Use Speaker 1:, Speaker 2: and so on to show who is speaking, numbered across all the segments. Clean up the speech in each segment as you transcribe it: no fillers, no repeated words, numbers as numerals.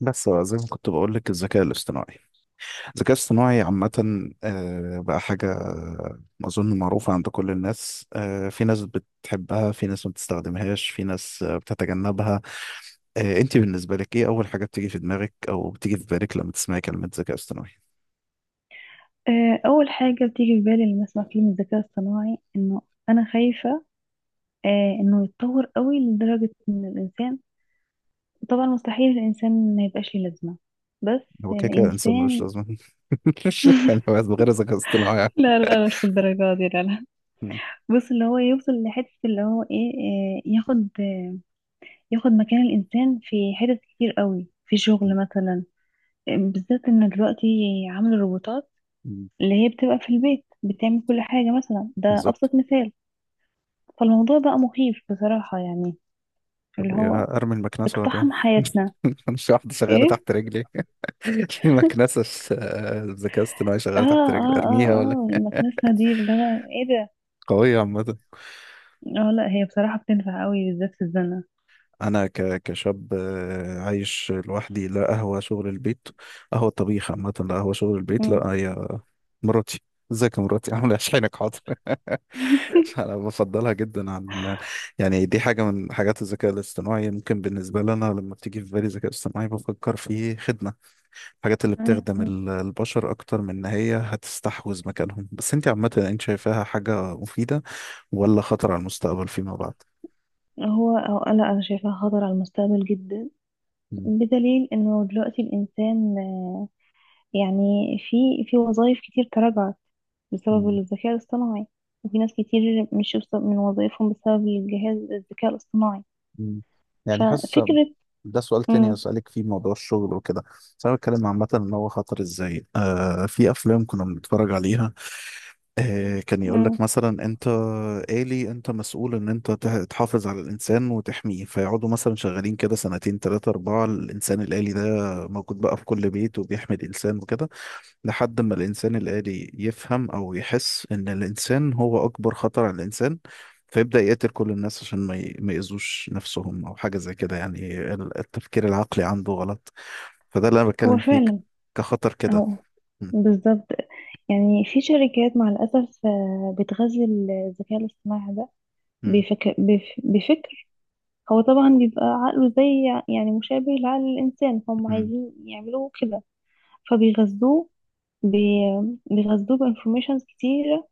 Speaker 1: بس بقى زي ما كنت بقول لك الذكاء الاصطناعي عامة، بقى حاجة أظن معروفة عند كل الناس. في ناس بتحبها، في ناس ما بتستخدمهاش، في ناس بتتجنبها. أنت بالنسبة لك إيه أول حاجة بتيجي في دماغك أو بتيجي في بالك لما تسمعي كلمة ذكاء اصطناعي؟
Speaker 2: انه يتطور قوي لدرجة ان الانسان، طبعا مستحيل الانسان ما يبقاش ليه لازمة، بس
Speaker 1: هو كده كده إنسان ملوش
Speaker 2: الانسان.
Speaker 1: لازمة. يعني هو من غير ذكاء اصطناعي.
Speaker 2: لا لا لا، مش الدرجة دي، لا لا.
Speaker 1: م-
Speaker 2: بص، اللي هو يوصل لحتة، اللي هو ايه، ياخد مكان الانسان في حتت كتير قوي، في شغل مثلا. بالذات ان دلوقتي عملوا الروبوتات
Speaker 1: م-
Speaker 2: اللي هي بتبقى في البيت بتعمل كل حاجة، مثلا ده
Speaker 1: بالظبط.
Speaker 2: ابسط مثال. فالموضوع بقى مخيف بصراحة، يعني
Speaker 1: طب
Speaker 2: اللي
Speaker 1: إيه،
Speaker 2: هو
Speaker 1: أرمي المكنسة ولا إيه؟
Speaker 2: اقتحم حياتنا.
Speaker 1: مش واحدة شغالة
Speaker 2: ايه؟
Speaker 1: تحت رجلي. في مكنسة ذكاء اصطناعي
Speaker 2: اه
Speaker 1: شغالة تحت رجلي،
Speaker 2: اه اه
Speaker 1: ارميها ولا؟
Speaker 2: اه، المكنسة دي اللي هو ايه ده.
Speaker 1: قوية عامة.
Speaker 2: اه، لا هي بصراحة بتنفع قوي، بالذات في الزنة.
Speaker 1: أنا كشاب عايش لوحدي، لا قهوة شغل البيت، قهوة طبيخ عامة، لا قهوة شغل البيت،
Speaker 2: مم.
Speaker 1: لا هي مراتي. ازيك يا مراتي؟ عاملة ايه؟ شحنك حاضر؟ أنا بفضلها جدا عن، يعني دي حاجة من حاجات الذكاء الاصطناعي. ممكن بالنسبة لنا لما بتيجي في بالي ذكاء اصطناعي بفكر في خدمة، الحاجات اللي
Speaker 2: مم.
Speaker 1: بتخدم
Speaker 2: مم.
Speaker 1: البشر أكتر من إن هي هتستحوذ مكانهم. بس أنت عامة أنت شايفاها حاجة مفيدة ولا خطر على المستقبل فيما بعد؟
Speaker 2: هو أو لا، أنا شايفاها خطر على المستقبل جدا.
Speaker 1: مم.
Speaker 2: بدليل إنه دلوقتي الإنسان يعني في وظائف كتير تراجعت بسبب
Speaker 1: مم.
Speaker 2: الذكاء الاصطناعي. وفي ناس كتير مشوا من وظائفهم بسبب الجهاز الذكاء الاصطناعي.
Speaker 1: مم. يعني حاسس،
Speaker 2: ففكرة.
Speaker 1: ده سؤال تاني
Speaker 2: مم.
Speaker 1: هسألك فيه موضوع الشغل وكده، بس أنا بتكلم عامة إن هو خطر إزاي. في أفلام كنا بنتفرج عليها كان يقول
Speaker 2: مم.
Speaker 1: لك مثلا أنت آلي، أنت مسؤول إن أنت تحافظ على الإنسان وتحميه، فيقعدوا مثلا شغالين كده سنتين، تلاتة، أربعة، الإنسان الآلي ده موجود بقى في كل بيت وبيحمي الإنسان وكده، لحد ما الإنسان الآلي يفهم أو يحس إن الإنسان هو أكبر خطر على الإنسان، فيبدأ يقتل كل الناس عشان ما يأذوش نفسهم أو حاجة زي كده. يعني التفكير العقلي عنده غلط، فده اللي أنا
Speaker 2: هو
Speaker 1: بتكلم فيه
Speaker 2: فعلا،
Speaker 1: كخطر كده.
Speaker 2: أو
Speaker 1: م-
Speaker 2: بالظبط. يعني في شركات مع الأسف بتغذي الذكاء الاصطناعي ده.
Speaker 1: م-
Speaker 2: بفكر. هو طبعا بيبقى عقله زي، يعني مشابه لعقل الإنسان، هم
Speaker 1: م-
Speaker 2: عايزين يعملوه كده. فبيغذوه بي- بيغذوه بانفورميشنز كتيرة،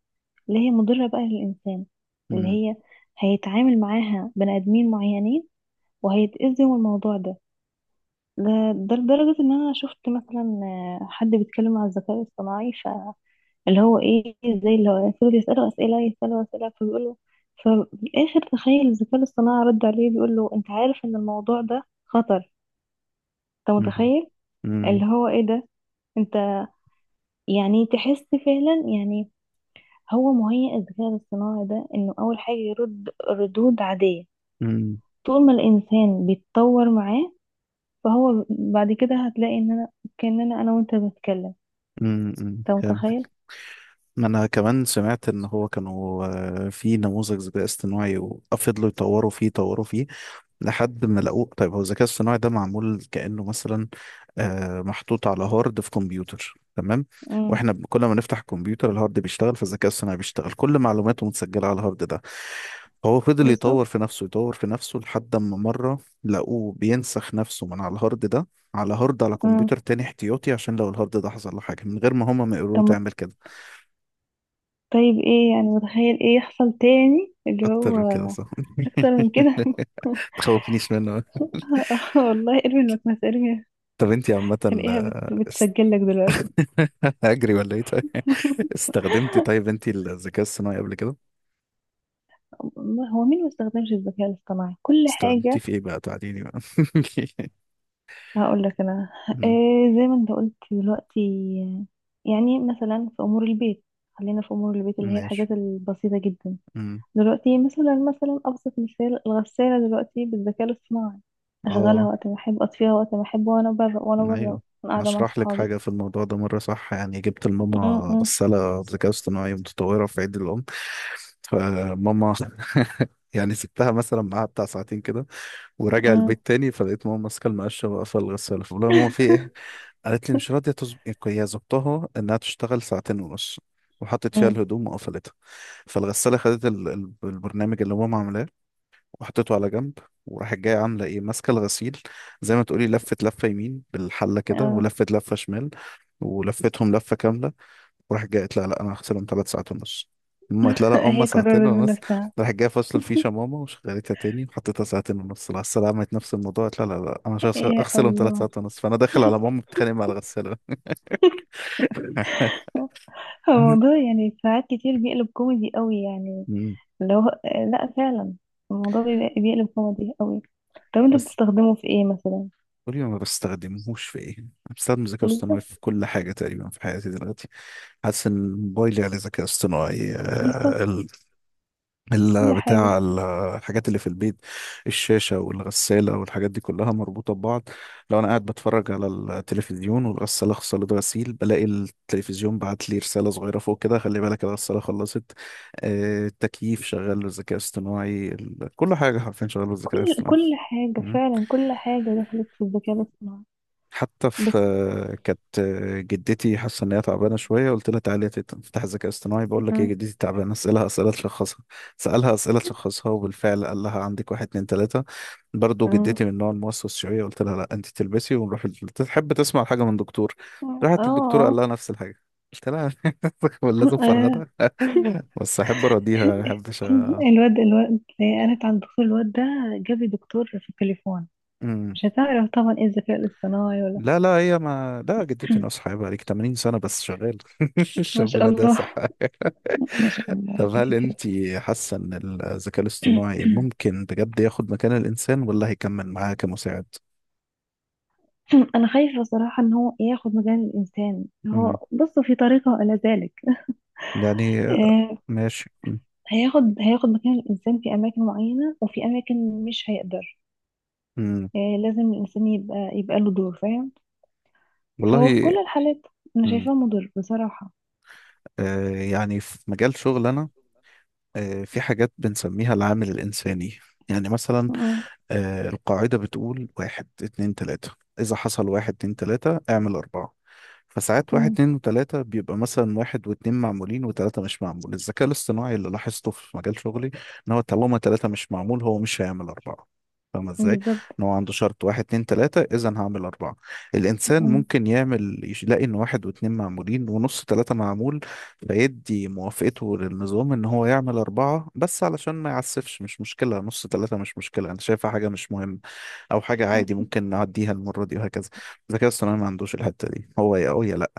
Speaker 2: اللي هي مضرة بقى للإنسان، اللي
Speaker 1: م-
Speaker 2: هي هيتعامل معاها بني آدمين معينين، وهيتأذوا من الموضوع ده. ده ده لدرجة إن أنا شفت مثلا حد بيتكلم عن الذكاء الاصطناعي، اللي هو ايه، زي اللي هو يفضلوا يسألوا أسئلة، يسألوا أسئلة، فبيقولوا. ففي الآخر، تخيل الذكاء الاصطناعي رد عليه، بيقول له أنت عارف إن الموضوع ده خطر، أنت
Speaker 1: م-
Speaker 2: متخيل؟
Speaker 1: م-
Speaker 2: اللي هو ايه ده. أنت يعني تحس فعلا، يعني هو مهيئ الذكاء الاصطناعي ده إنه أول حاجة يرد ردود عادية،
Speaker 1: م-
Speaker 2: طول ما الإنسان بيتطور معاه. فهو بعد كده هتلاقي إن أنا كأننا أنا وأنت بنتكلم.
Speaker 1: م.
Speaker 2: أنت متخيل؟
Speaker 1: فهمت. ما أنا كمان سمعت إن هو كانوا في نموذج ذكاء اصطناعي، وفضلوا يطوروا فيه يطوروا فيه لحد ما لقوه. طيب هو الذكاء الصناعي ده معمول كأنه مثلا محطوط على هارد في كمبيوتر، تمام؟
Speaker 2: امم
Speaker 1: واحنا كل ما نفتح الكمبيوتر الهارد بيشتغل، فالذكاء الصناعي بيشتغل، كل معلوماته متسجلة على الهارد ده. هو فضل يطور
Speaker 2: بالظبط.
Speaker 1: في نفسه يطور في نفسه لحد ما مرة لقوه بينسخ نفسه من على الهارد ده، على هارد على
Speaker 2: امم
Speaker 1: كمبيوتر تاني احتياطي، عشان لو الهارد ده حصل له حاجة، من غير ما هما ما يقولوا له
Speaker 2: طب
Speaker 1: تعمل كده.
Speaker 2: طيب ايه، يعني متخيل ايه يحصل تاني، اللي هو
Speaker 1: أكتر من كده صح؟
Speaker 2: اكتر من كده.
Speaker 1: تخوفنيش منه.
Speaker 2: آه والله، ارمي المكنسة، ارمي.
Speaker 1: طب انتي عامة،
Speaker 2: تلاقيها
Speaker 1: آه،
Speaker 2: بتسجل لك دلوقتي.
Speaker 1: اجري ولا ايه؟ طيب استخدمتي، طيب انت الذكاء الصناعي قبل كده؟
Speaker 2: الله، هو مين ما استخدمش الذكاء الاصطناعي؟ كل
Speaker 1: استخدمتي
Speaker 2: حاجة.
Speaker 1: في ايه بقى، تعديني بقى.
Speaker 2: هقول لك انا
Speaker 1: أمم،
Speaker 2: إيه، زي ما انت قلت دلوقتي، يعني مثلا في امور البيت. خلينا في امور البيت اللي هي
Speaker 1: ماشي.
Speaker 2: الحاجات البسيطة جدا.
Speaker 1: أمم،
Speaker 2: دلوقتي مثلا ابسط مثال، الغسالة دلوقتي بالذكاء الاصطناعي. اشغلها
Speaker 1: اه،
Speaker 2: وقت ما احب، اطفيها وقت ما احب، وانا بره وانا بره،
Speaker 1: ايوه،
Speaker 2: قاعدة مع
Speaker 1: نشرح لك حاجة في الموضوع ده مرة، صح؟ يعني جبت لماما
Speaker 2: صحابي.
Speaker 1: غسالة بذكاء اصطناعي متطورة في عيد الأم، فماما يعني سبتها مثلا معاها بتاع ساعتين كده وراجع
Speaker 2: مم.
Speaker 1: البيت تاني، فلقيت ماما ماسكه المقشه واقفه الغساله. فبقول لها ماما في ايه؟ قالت لي مش راضيه هي ظبطها انها تشتغل ساعتين ونص وحطت فيها
Speaker 2: مم.
Speaker 1: الهدوم وقفلتها، فالغساله خدت البرنامج اللي ماما عاملاه وحطيته على جنب، وراحت جايه عامله ايه ماسكه الغسيل، زي ما تقولي لفت لفه يمين بالحله كده
Speaker 2: اه.
Speaker 1: ولفت لفه شمال ولفتهم لفه كامله، وراحت جايه قالت لها لا، انا هغسلهم 3 ساعات ونص. ماما قالت لها لا، هما
Speaker 2: هي
Speaker 1: ساعتين
Speaker 2: قررت من
Speaker 1: ونص.
Speaker 2: نفسها.
Speaker 1: راحت جايه فصل الفيشه ماما وشغلتها تاني وحطيتها ساعتين ونص. لا السلام، عملت نفس الموضوع، قالت لها لا لا، انا مش
Speaker 2: يا
Speaker 1: هغسلهم ثلاث
Speaker 2: الله.
Speaker 1: ساعات ونص فانا داخل على ماما بتتخانق مع الغساله.
Speaker 2: هو الموضوع يعني ساعات كتير بيقلب كوميدي قوي، يعني
Speaker 1: مم.
Speaker 2: لو لا فعلا، الموضوع بيقلب كوميدي قوي. طب انت
Speaker 1: بس
Speaker 2: بتستخدمه في ايه مثلا؟
Speaker 1: قولي، ما بستخدمهوش في ايه؟ انا بستخدم الذكاء الاصطناعي
Speaker 2: بالظبط،
Speaker 1: في كل حاجه تقريبا في حياتي دلوقتي. حاسس ان موبايلي عليه ذكاء اصطناعي،
Speaker 2: بالظبط.
Speaker 1: ال-
Speaker 2: كل
Speaker 1: بتاع
Speaker 2: حاجة،
Speaker 1: ال- الحاجات اللي في البيت، الشاشة والغسالة والحاجات دي كلها مربوطة ببعض. لو أنا قاعد بتفرج على التلفزيون والغسالة خلصت غسيل، بلاقي التلفزيون بعت لي رسالة صغيرة فوق كده: خلي بالك الغسالة خلصت. التكييف شغال بالذكاء الاصطناعي، كل حاجة حرفيا شغال بالذكاء
Speaker 2: كل
Speaker 1: الاصطناعي.
Speaker 2: كل حاجة
Speaker 1: مم.
Speaker 2: فعلا، كل حاجة دخلت في الذكاء الاصطناعي.
Speaker 1: حتى في،
Speaker 2: بس.
Speaker 1: كانت جدتي حاسه ان هي تعبانه شويه. قلت لها تعالي تفتح ذكاء اصطناعي بقول لك ايه،
Speaker 2: مم.
Speaker 1: جدتي تعبانه، اسالها اسئله تشخصها. سالها اسئله تشخصها وبالفعل قال لها عندك واحد، اتنين، تلاته. برضه
Speaker 2: مم.
Speaker 1: جدتي من النوع الموسوس شويه، قلت لها لا، انت تلبسي ونروح تحب تسمع حاجه من دكتور.
Speaker 2: اه
Speaker 1: راحت للدكتور قال
Speaker 2: اه.
Speaker 1: لها نفس الحاجه. قلت لها لازم
Speaker 2: آه.
Speaker 1: فرهدة، بس احب اراضيها، ما احبش.
Speaker 2: الواد انا كان دكتور، الواد ده جاب لي دكتور في التليفون.
Speaker 1: أ-
Speaker 2: مش هتعرف طبعا ايه الذكاء الاصطناعي ولا.
Speaker 1: لا لا، هي ما لا، جدتي ناصحة بقى لك 80 سنة بس شغال.
Speaker 2: ما شاء
Speaker 1: ربنا، ده
Speaker 2: الله،
Speaker 1: صحة.
Speaker 2: ما شاء الله،
Speaker 1: طب
Speaker 2: ربنا
Speaker 1: هل
Speaker 2: يديمك.
Speaker 1: انت حاسة ان الذكاء الاصطناعي ممكن بجد ياخد مكان الانسان ولا هيكمل معاه كمساعد؟
Speaker 2: انا خايفه صراحه ان هو ياخد مكان الانسان،
Speaker 1: امم
Speaker 2: هو بص في طريقه الى ذلك.
Speaker 1: يعني.
Speaker 2: آه،
Speaker 1: ماشي.
Speaker 2: هياخد مكان الانسان في اماكن معينه، وفي اماكن مش هيقدر.
Speaker 1: امم
Speaker 2: لازم الانسان يبقى له دور، فاهم. فهو في
Speaker 1: والله.
Speaker 2: كل الحالات انا
Speaker 1: امم
Speaker 2: شايفاه مضر بصراحه.
Speaker 1: يعني في مجال شغل انا، في حاجات بنسميها العامل الانساني. يعني مثلا،
Speaker 2: م-
Speaker 1: القاعدة بتقول واحد، اتنين، تلاتة، إذا حصل واحد، اتنين، تلاتة، اعمل أربعة. فساعات واحد،
Speaker 2: م-
Speaker 1: اتنين، وتلاتة، بيبقى مثلا واحد واتنين معمولين وتلاتة مش معمول. الذكاء الاصطناعي اللي لاحظته في مجال شغلي إن هو طالما تلاتة مش معمول هو مش هيعمل أربعة. فاهمة
Speaker 2: م.
Speaker 1: إزاي؟
Speaker 2: بالظبط.
Speaker 1: إن هو عنده شرط: واحد، اتنين، تلاتة، إذا هعمل أربعة. الإنسان
Speaker 2: م-
Speaker 1: ممكن يعمل يلاقي إن واحد واتنين معمولين ونص تلاتة معمول، فيدي موافقته للنظام ان هو يعمل اربعة بس علشان ما يعسفش. مش مشكلة نص ثلاثة، مش مشكلة، انا شايفها حاجة مش مهمة او حاجة
Speaker 2: م.
Speaker 1: عادي ممكن نعديها المرة دي وهكذا. الذكاء الاصطناعي ما عندوش الحتة دي، هو يا او يا لا،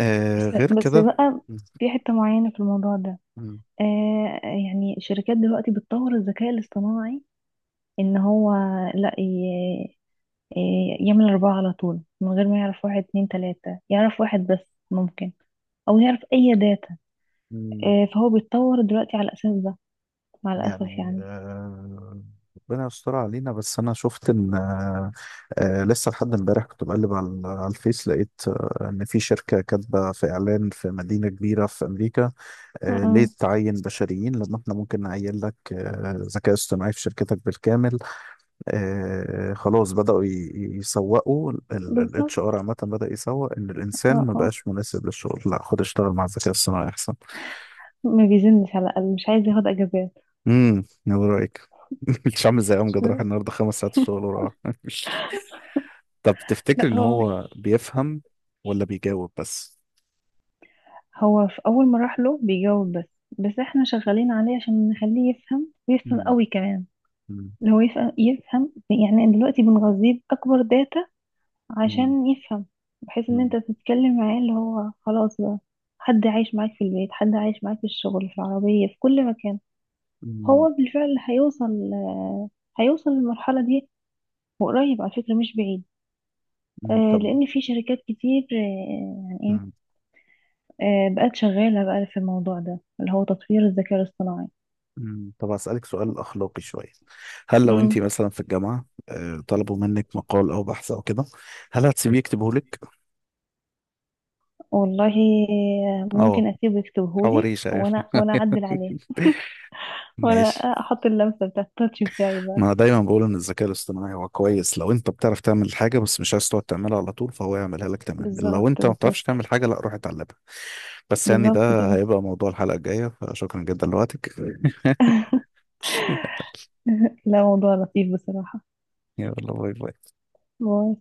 Speaker 2: بس
Speaker 1: غير
Speaker 2: بس
Speaker 1: كده.
Speaker 2: بقى،
Speaker 1: م-
Speaker 2: في حته معينه في الموضوع ده.
Speaker 1: م-
Speaker 2: يعني الشركات دلوقتي بتطور الذكاء الاصطناعي، ان هو لا، يعمل اربعة على طول من غير ما يعرف واحد اتنين تلاتة، يعرف واحد بس. ممكن او يعرف اي داتا.
Speaker 1: م-
Speaker 2: فهو بيتطور دلوقتي على الاساس ده، مع الاسف
Speaker 1: يعني،
Speaker 2: يعني.
Speaker 1: ربنا يستر علينا. بس انا شفت ان، لسه لحد امبارح كنت بقلب على الفيس لقيت ان في شركة كاتبة في اعلان في مدينة كبيرة في امريكا: ليه
Speaker 2: م.
Speaker 1: تعين بشريين لما احنا ممكن نعين لك ذكاء اصطناعي في شركتك بالكامل. خلاص بدأوا يسوقوا HR.
Speaker 2: بالظبط.
Speaker 1: عامة بدأ يسوق ان الانسان
Speaker 2: اه
Speaker 1: ما
Speaker 2: اه،
Speaker 1: بقاش مناسب للشغل، لا خد اشتغل مع الذكاء الصناعي احسن.
Speaker 2: ما بيزنش، على الاقل مش عايز ياخد اجازات.
Speaker 1: ايه رأيك؟ مش عامل زي امجد
Speaker 2: م.
Speaker 1: راح النهارده 5 ساعات الشغل وراح. طب تفتكر
Speaker 2: لا
Speaker 1: ان
Speaker 2: هو
Speaker 1: هو بيفهم ولا بيجاوب بس؟
Speaker 2: هو في اول ما راح له بيجاوب بس. بس احنا شغالين عليه عشان نخليه يفهم، ويفهم
Speaker 1: مم.
Speaker 2: قوي كمان.
Speaker 1: مم.
Speaker 2: اللي هو يفهم يفهم، يعني دلوقتي بنغذيه باكبر داتا
Speaker 1: مم.
Speaker 2: عشان يفهم، بحيث ان
Speaker 1: مم.
Speaker 2: انت تتكلم معاه اللي هو خلاص بقى، حد عايش معاك في البيت، حد عايش معاك في الشغل، في العربية، في كل مكان.
Speaker 1: مم.
Speaker 2: هو بالفعل هيوصل، للمرحلة دي. وقريب على فكرة، مش بعيد.
Speaker 1: مم. طب.
Speaker 2: لان في شركات كتير يعني ايه، بقت شغالة بقى في الموضوع ده، اللي هو تطوير الذكاء الاصطناعي.
Speaker 1: مم. طب هسألك سؤال أخلاقي شوية. هل لو أنت
Speaker 2: مم.
Speaker 1: مثلا في الجامعة طلبوا منك مقال أو بحث أو كده، هل هتسيبيه يكتبه لك؟
Speaker 2: والله
Speaker 1: أه،
Speaker 2: ممكن اسيبه يكتبهولي،
Speaker 1: تحوريش أيوه.
Speaker 2: وانا اعدل عليه. وانا
Speaker 1: ماشي.
Speaker 2: احط اللمسة بتاعت التاتش بتاعي بقى.
Speaker 1: ما أنا دايما بقول إن الذكاء الاصطناعي هو كويس لو أنت بتعرف تعمل حاجة بس مش عايز تقعد تعملها على طول، فهو يعملها لك، تمام. لو
Speaker 2: بالظبط،
Speaker 1: أنت ما بتعرفش
Speaker 2: بالظبط،
Speaker 1: تعمل حاجة، لا، روح اتعلمها. بس يعني
Speaker 2: بالظبط
Speaker 1: ده
Speaker 2: كده.
Speaker 1: هيبقى موضوع الحلقة الجاية، فشكرا جدا لوقتك.
Speaker 2: لا، موضوع لطيف بصراحة،
Speaker 1: يلا، باي باي.
Speaker 2: موضوع